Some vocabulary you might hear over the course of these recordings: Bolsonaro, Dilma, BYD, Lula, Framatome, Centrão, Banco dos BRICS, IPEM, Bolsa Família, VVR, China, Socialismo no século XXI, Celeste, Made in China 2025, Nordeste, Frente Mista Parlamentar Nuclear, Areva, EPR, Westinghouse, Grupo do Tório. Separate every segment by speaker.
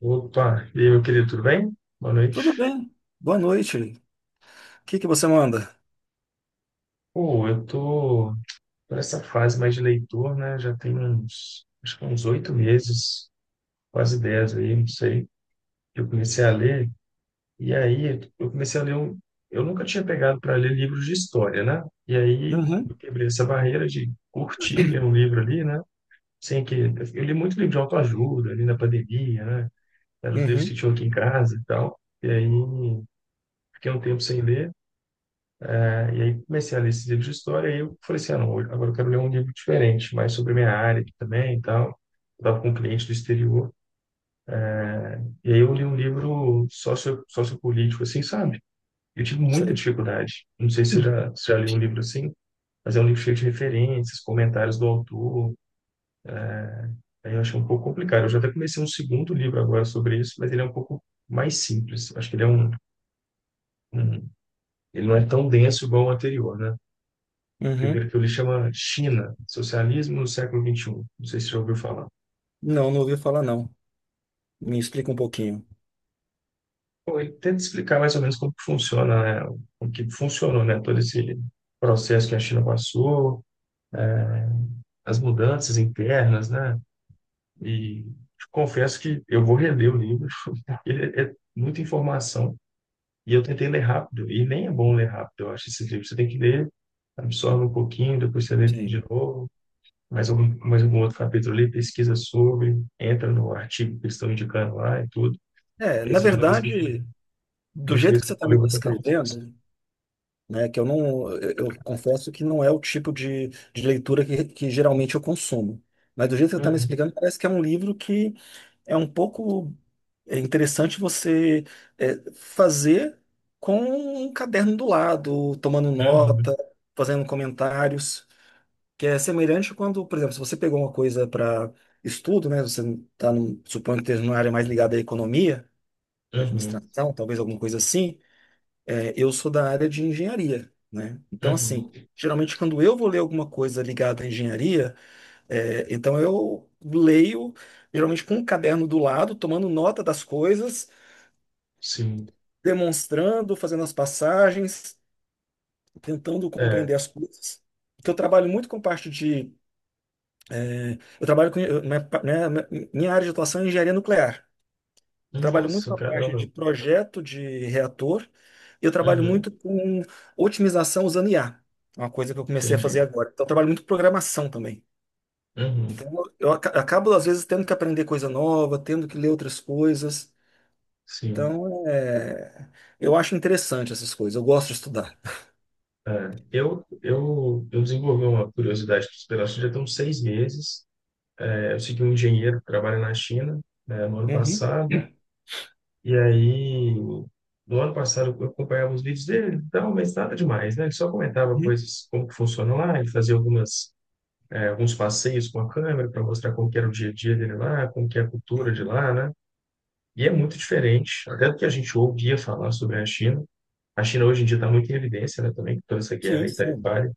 Speaker 1: Opa, e aí, meu querido, tudo bem? Boa noite.
Speaker 2: Tudo bem. Boa noite. O que que você manda?
Speaker 1: Pô, eu tô por essa fase mais de leitor, né? Já tem uns, acho que uns 8 meses, quase 10 aí, não sei, que eu comecei a ler. E aí, eu comecei Eu nunca tinha pegado para ler livros de história, né? E aí, eu
Speaker 2: Uhum,
Speaker 1: quebrei essa barreira de curtir ler um livro ali, né? Sem que... Eu li muito livro de autoajuda ali na pandemia, né? Eram os livros que
Speaker 2: uhum,
Speaker 1: tinham aqui em casa e tal. E aí, fiquei um tempo sem ler. Né? E aí comecei a ler esses livros de história e eu falei assim, ah, não, agora eu quero ler um livro diferente, mais sobre a minha área aqui também e tal. Eu tava com um cliente do exterior. E aí eu li um livro sociopolítico, assim, sabe? Eu tive muita
Speaker 2: sei.
Speaker 1: dificuldade. Não sei se já leu um livro assim, mas é um livro cheio de referências, comentários do autor. Aí eu achei um pouco complicado. Eu já até comecei um segundo livro agora sobre isso, mas ele é um pouco mais simples. Acho que um ele não é tão denso igual o anterior, né?
Speaker 2: Uhum.
Speaker 1: Primeiro que eu li chama China, Socialismo no século XXI. Não sei se você já ouviu falar.
Speaker 2: Não, não ouvi falar, não. Me explica um pouquinho.
Speaker 1: Bom, ele tenta explicar mais ou menos como que funciona, né? Como que funcionou, né? Todo esse processo que a China passou, as mudanças internas, né? E confesso que eu vou reler o livro, porque ele é muita informação. E eu tentei ler rápido, e nem é bom ler rápido, eu acho, esses livros. Você tem que ler, absorve um pouquinho, depois você lê de
Speaker 2: Sim.
Speaker 1: novo. Mais algum outro capítulo ali, pesquisa sobre, entra no artigo que eles estão indicando lá e tudo.
Speaker 2: É,
Speaker 1: E a
Speaker 2: na
Speaker 1: segunda vez que eu,
Speaker 2: verdade, do
Speaker 1: Uma
Speaker 2: jeito
Speaker 1: vez
Speaker 2: que
Speaker 1: que
Speaker 2: você
Speaker 1: eu
Speaker 2: está
Speaker 1: falei,
Speaker 2: me
Speaker 1: eu vou tentar fazer isso.
Speaker 2: descrevendo, né, que eu não, eu confesso que não é o tipo de leitura que geralmente eu consumo. Mas do jeito que você está me
Speaker 1: Uhum,
Speaker 2: explicando, parece que é um livro que é um pouco, é interessante você fazer com um caderno do lado, tomando
Speaker 1: uhum,
Speaker 2: nota, fazendo comentários, que é semelhante quando, por exemplo, se você pegou uma coisa para estudo, né? Você está, suponho que esteja numa área mais ligada à economia, à
Speaker 1: uhum,
Speaker 2: administração, talvez alguma coisa assim. É, eu sou da área de engenharia, né? Então,
Speaker 1: uhum.
Speaker 2: assim, geralmente quando eu vou ler alguma coisa ligada à engenharia, então eu leio geralmente com um caderno do lado, tomando nota das coisas,
Speaker 1: Sim.
Speaker 2: demonstrando, fazendo as passagens, tentando
Speaker 1: É.
Speaker 2: compreender as coisas. Porque eu trabalho muito com parte de. Eu trabalho com. Minha, minha área de atuação é engenharia nuclear. Eu trabalho muito
Speaker 1: Nossa,
Speaker 2: na parte
Speaker 1: caramba.
Speaker 2: de projeto de reator e eu trabalho
Speaker 1: Uhum,
Speaker 2: muito com otimização usando IA. É uma coisa que eu comecei a
Speaker 1: entendi.
Speaker 2: fazer agora. Então, eu trabalho muito com programação também. Então,
Speaker 1: Uhum,
Speaker 2: eu acabo, às vezes, tendo que aprender coisa nova, tendo que ler outras coisas.
Speaker 1: sim.
Speaker 2: Então, eu acho interessante essas coisas. Eu gosto de estudar.
Speaker 1: É, eu desenvolvi uma curiosidade pela China já tem uns 6 meses. É, eu segui um engenheiro que trabalha na China, né, no ano
Speaker 2: Uhum,
Speaker 1: passado. E aí, do ano passado, eu acompanhava os vídeos dele, então, mas nada demais, né? Ele só comentava
Speaker 2: uhum,
Speaker 1: coisas, como que funciona lá, ele fazia alguns passeios com a câmera para mostrar como que era o dia a dia dele lá, como que é a cultura de
Speaker 2: uhum.
Speaker 1: lá, né? E é muito diferente, até do que a gente ouvia falar sobre a China. A China hoje em dia está muito em evidência, né, também, com toda essa guerra
Speaker 2: Sim,
Speaker 1: aí
Speaker 2: sim.
Speaker 1: tarifária.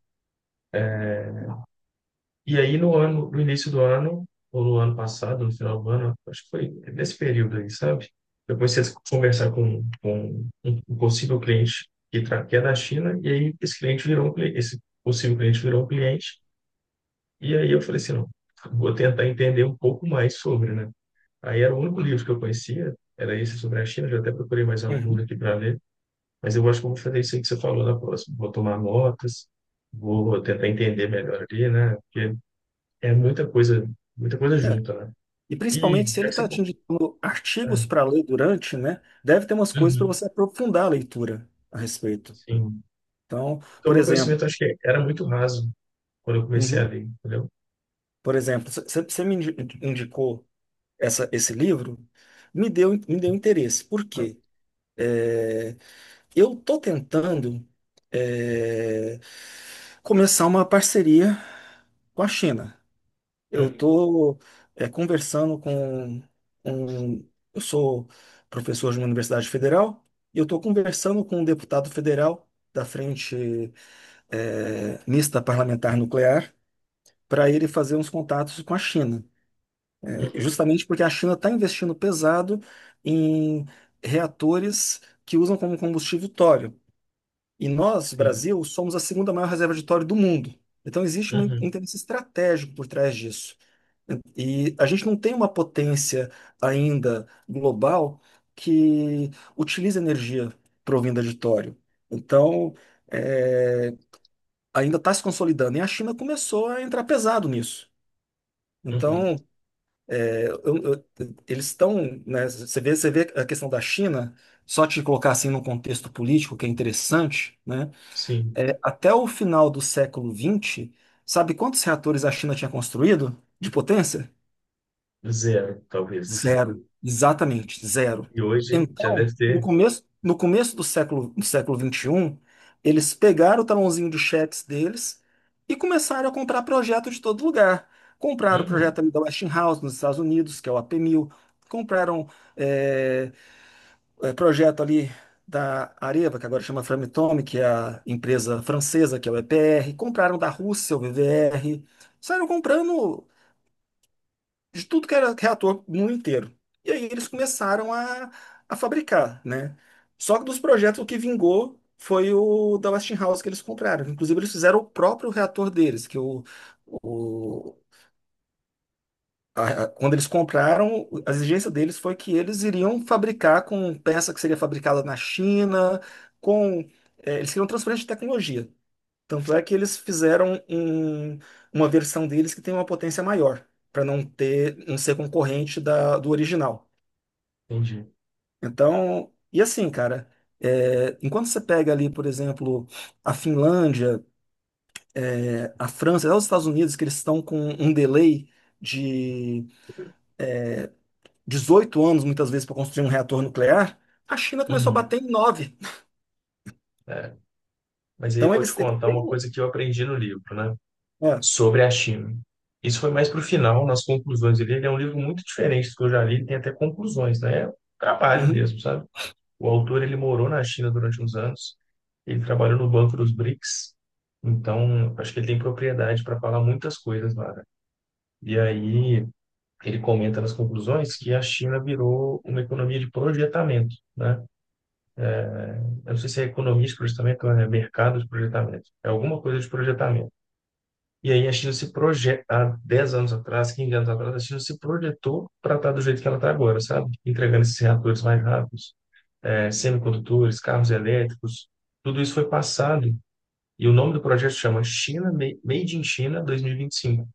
Speaker 1: E aí no ano, no início do ano, ou no ano passado, no final do ano, acho que foi nesse período aí, sabe? Eu comecei a conversar com um possível cliente que é da China, e aí esse cliente virou um cliente, esse possível cliente virou um cliente, e aí eu falei assim, não, vou tentar entender um pouco mais sobre, né? Aí era o único livro que eu conhecia, era esse sobre a China, já até procurei mais alguns
Speaker 2: Uhum.
Speaker 1: aqui para ler, mas eu acho que eu vou fazer isso aí que você falou na próxima, vou tomar notas, vou tentar entender melhor ali, né? Porque é muita coisa
Speaker 2: É.
Speaker 1: junta, né?
Speaker 2: E
Speaker 1: E
Speaker 2: principalmente se
Speaker 1: já
Speaker 2: ele
Speaker 1: que
Speaker 2: está
Speaker 1: você...
Speaker 2: te indicando artigos
Speaker 1: É,
Speaker 2: para ler durante, né? Deve ter umas coisas para
Speaker 1: uhum,
Speaker 2: você aprofundar a leitura a respeito.
Speaker 1: sim.
Speaker 2: Então,
Speaker 1: Então,
Speaker 2: por
Speaker 1: meu
Speaker 2: exemplo,
Speaker 1: conhecimento acho que era muito raso quando eu comecei a
Speaker 2: uhum,
Speaker 1: ler, entendeu?
Speaker 2: por exemplo, você me indicou esse livro, me deu interesse. Por quê? É, eu estou tentando, é, começar uma parceria com a China. Eu
Speaker 1: Uhum,
Speaker 2: estou conversando com um. Eu sou professor de uma universidade federal e eu estou conversando com um deputado federal da Frente Mista Parlamentar Nuclear para ele fazer uns contatos com a China. Eh,
Speaker 1: uhum,
Speaker 2: justamente porque a China está investindo pesado em reatores que usam como combustível tório. E nós,
Speaker 1: sim.
Speaker 2: Brasil, somos a segunda maior reserva de tório do mundo. Então existe um
Speaker 1: Uhum,
Speaker 2: interesse estratégico por trás disso. E a gente não tem uma potência ainda global que utiliza energia provinda de tório. Então, é, ainda está se consolidando. E a China começou a entrar pesado nisso.
Speaker 1: uhum,
Speaker 2: Então, é, eu- eu- eles estão, né, você vê a questão da China, só te colocar assim num contexto político que é interessante, né?
Speaker 1: sim.
Speaker 2: É, até o final do século XX, sabe quantos reatores a China tinha construído de potência?
Speaker 1: Zero, talvez.
Speaker 2: Zero, exatamente, zero.
Speaker 1: E hoje já
Speaker 2: Então,
Speaker 1: deve
Speaker 2: no
Speaker 1: ter.
Speaker 2: começo, no começo do século XXI, eles pegaram o talãozinho de cheques deles e começaram a comprar projeto de todo lugar. Compraram o
Speaker 1: Uhum,
Speaker 2: projeto ali da Westinghouse nos Estados Unidos, que é o AP1000. Compraram, é, projeto ali da Areva, que agora chama Framatome, que é a empresa francesa, que é o EPR. Compraram da Rússia, o VVR. Saíram comprando de tudo que era reator no mundo inteiro. E aí eles começaram a fabricar, né? Só que dos projetos o que vingou foi o da Westinghouse que eles compraram. Inclusive eles fizeram o próprio reator deles, que o- a- quando eles compraram, a exigência deles foi que eles iriam fabricar com peça que seria fabricada na China, com eles queriam transferência de tecnologia. Tanto é que eles fizeram uma versão deles que tem uma potência maior, para não ter, não ser concorrente do original.
Speaker 1: entendi.
Speaker 2: Então, e assim, cara, enquanto você pega ali, por exemplo, a Finlândia, a França, até os Estados Unidos, que eles estão com um delay de 18 anos, muitas vezes, para construir um reator nuclear, a China começou a
Speaker 1: Uhum,
Speaker 2: bater em nove.
Speaker 1: é. Mas aí eu
Speaker 2: Então,
Speaker 1: vou te
Speaker 2: eles
Speaker 1: contar
Speaker 2: têm.
Speaker 1: uma coisa que eu aprendi no livro, né?
Speaker 2: É,
Speaker 1: Sobre a China. Isso foi mais para o final, nas conclusões dele. Ele é um livro muito diferente do que eu já li, ele tem até conclusões, né? É um trabalho
Speaker 2: uhum,
Speaker 1: mesmo, sabe? O autor ele morou na China durante uns anos, ele trabalhou no Banco dos BRICS, então acho que ele tem propriedade para falar muitas coisas lá. Né? E aí ele comenta nas conclusões que a China virou uma economia de projetamento, né? Eu não sei se é economia de projetamento ou é mercado de projetamento, é alguma coisa de projetamento. E aí a China se projeta, há 10 anos atrás, 15 anos atrás, a China se projetou para estar do jeito que ela está agora, sabe? Entregando esses reatores mais rápidos, eh, semicondutores, carros elétricos, tudo isso foi passado. E o nome do projeto chama Made in China 2025.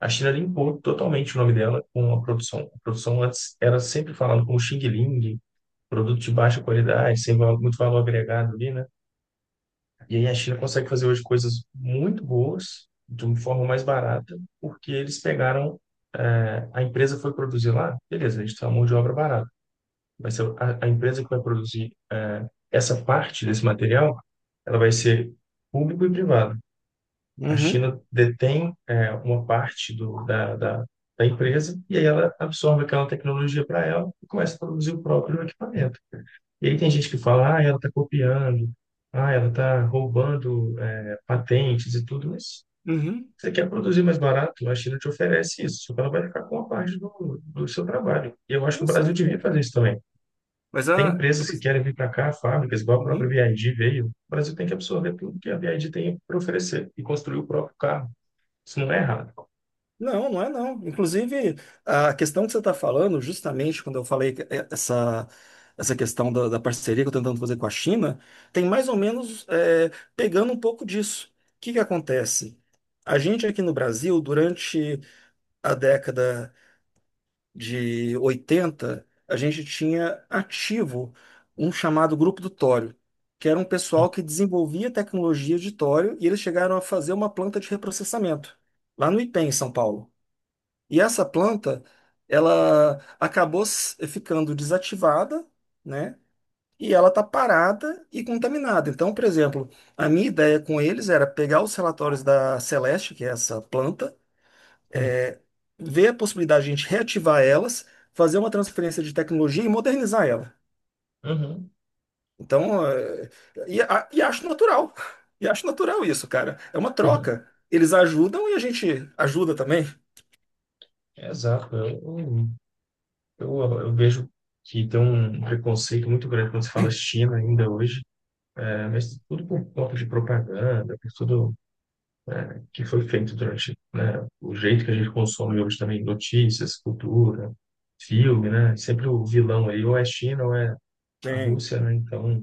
Speaker 1: A China limpou totalmente o nome dela com a produção. A produção antes era sempre falando como Xing Ling, produto de baixa qualidade, sem val- muito valor agregado ali, né? E aí a China consegue fazer hoje coisas muito boas, de uma forma mais barata, porque eles pegaram, a empresa foi produzir lá, beleza, a gente tem uma mão de obra barata. Vai ser a empresa que vai produzir essa parte desse material, ela vai ser público e privado. A
Speaker 2: uhum,
Speaker 1: China detém, eh, uma parte da empresa e aí ela absorve aquela tecnologia para ela e começa a produzir o próprio equipamento. E aí tem gente que fala, ah, ela está copiando, ah, ela está roubando, patentes e tudo, mas
Speaker 2: uhum.
Speaker 1: você quer produzir mais barato, a China te oferece isso, só que ela vai ficar com uma parte do, do seu trabalho. E eu acho que o
Speaker 2: Isso,
Speaker 1: Brasil devia
Speaker 2: é.
Speaker 1: fazer isso também.
Speaker 2: Mas
Speaker 1: Tem
Speaker 2: a.
Speaker 1: empresas que querem vir para cá, fábricas, igual a própria BYD veio. O Brasil tem que absorver tudo que a BYD tem para oferecer e construir o próprio carro. Isso não é errado.
Speaker 2: Não, não é não. Inclusive, a questão que você está falando, justamente quando eu falei que essa questão da parceria que eu estou tentando fazer com a China, tem mais ou menos, pegando um pouco disso. O que que acontece? A gente aqui no Brasil, durante a década de 80, a gente tinha ativo um chamado Grupo do Tório, que era um pessoal que desenvolvia tecnologia de tório e eles chegaram a fazer uma planta de reprocessamento, lá no IPEM, em São Paulo. E essa planta, ela acabou ficando desativada, né? E ela está parada e contaminada. Então, por exemplo, a minha ideia com eles era pegar os relatórios da Celeste, que é essa planta,
Speaker 1: Sim.
Speaker 2: é, ver a possibilidade de a gente reativar elas, fazer uma transferência de tecnologia e modernizar ela.
Speaker 1: Uhum.
Speaker 2: Então, e acho natural. E acho natural isso, cara. É uma
Speaker 1: Uhum.
Speaker 2: troca. Eles ajudam e a gente ajuda também.
Speaker 1: Exato. Eu vejo que tem um preconceito muito grande quando se fala China ainda hoje, é, mas tudo por conta de propaganda, por tudo que foi feito durante, né, o jeito que a gente consome hoje também, notícias, cultura, filme, né? Sempre o vilão aí ou é China ou é a
Speaker 2: Sim,
Speaker 1: Rússia, né? Então,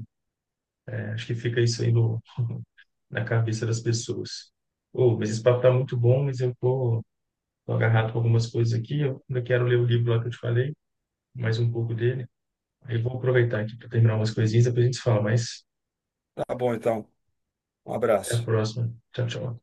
Speaker 1: acho que fica isso aí no, na cabeça das pessoas. Oh, mas esse papo tá muito bom, mas eu tô, agarrado com algumas coisas aqui. Eu ainda quero ler o livro lá que eu te falei, mais um pouco dele. Aí eu vou aproveitar aqui para terminar umas coisinhas, depois a gente se fala, mas
Speaker 2: tá bom então. Um
Speaker 1: até a
Speaker 2: abraço.
Speaker 1: próxima. Tchau, tchau.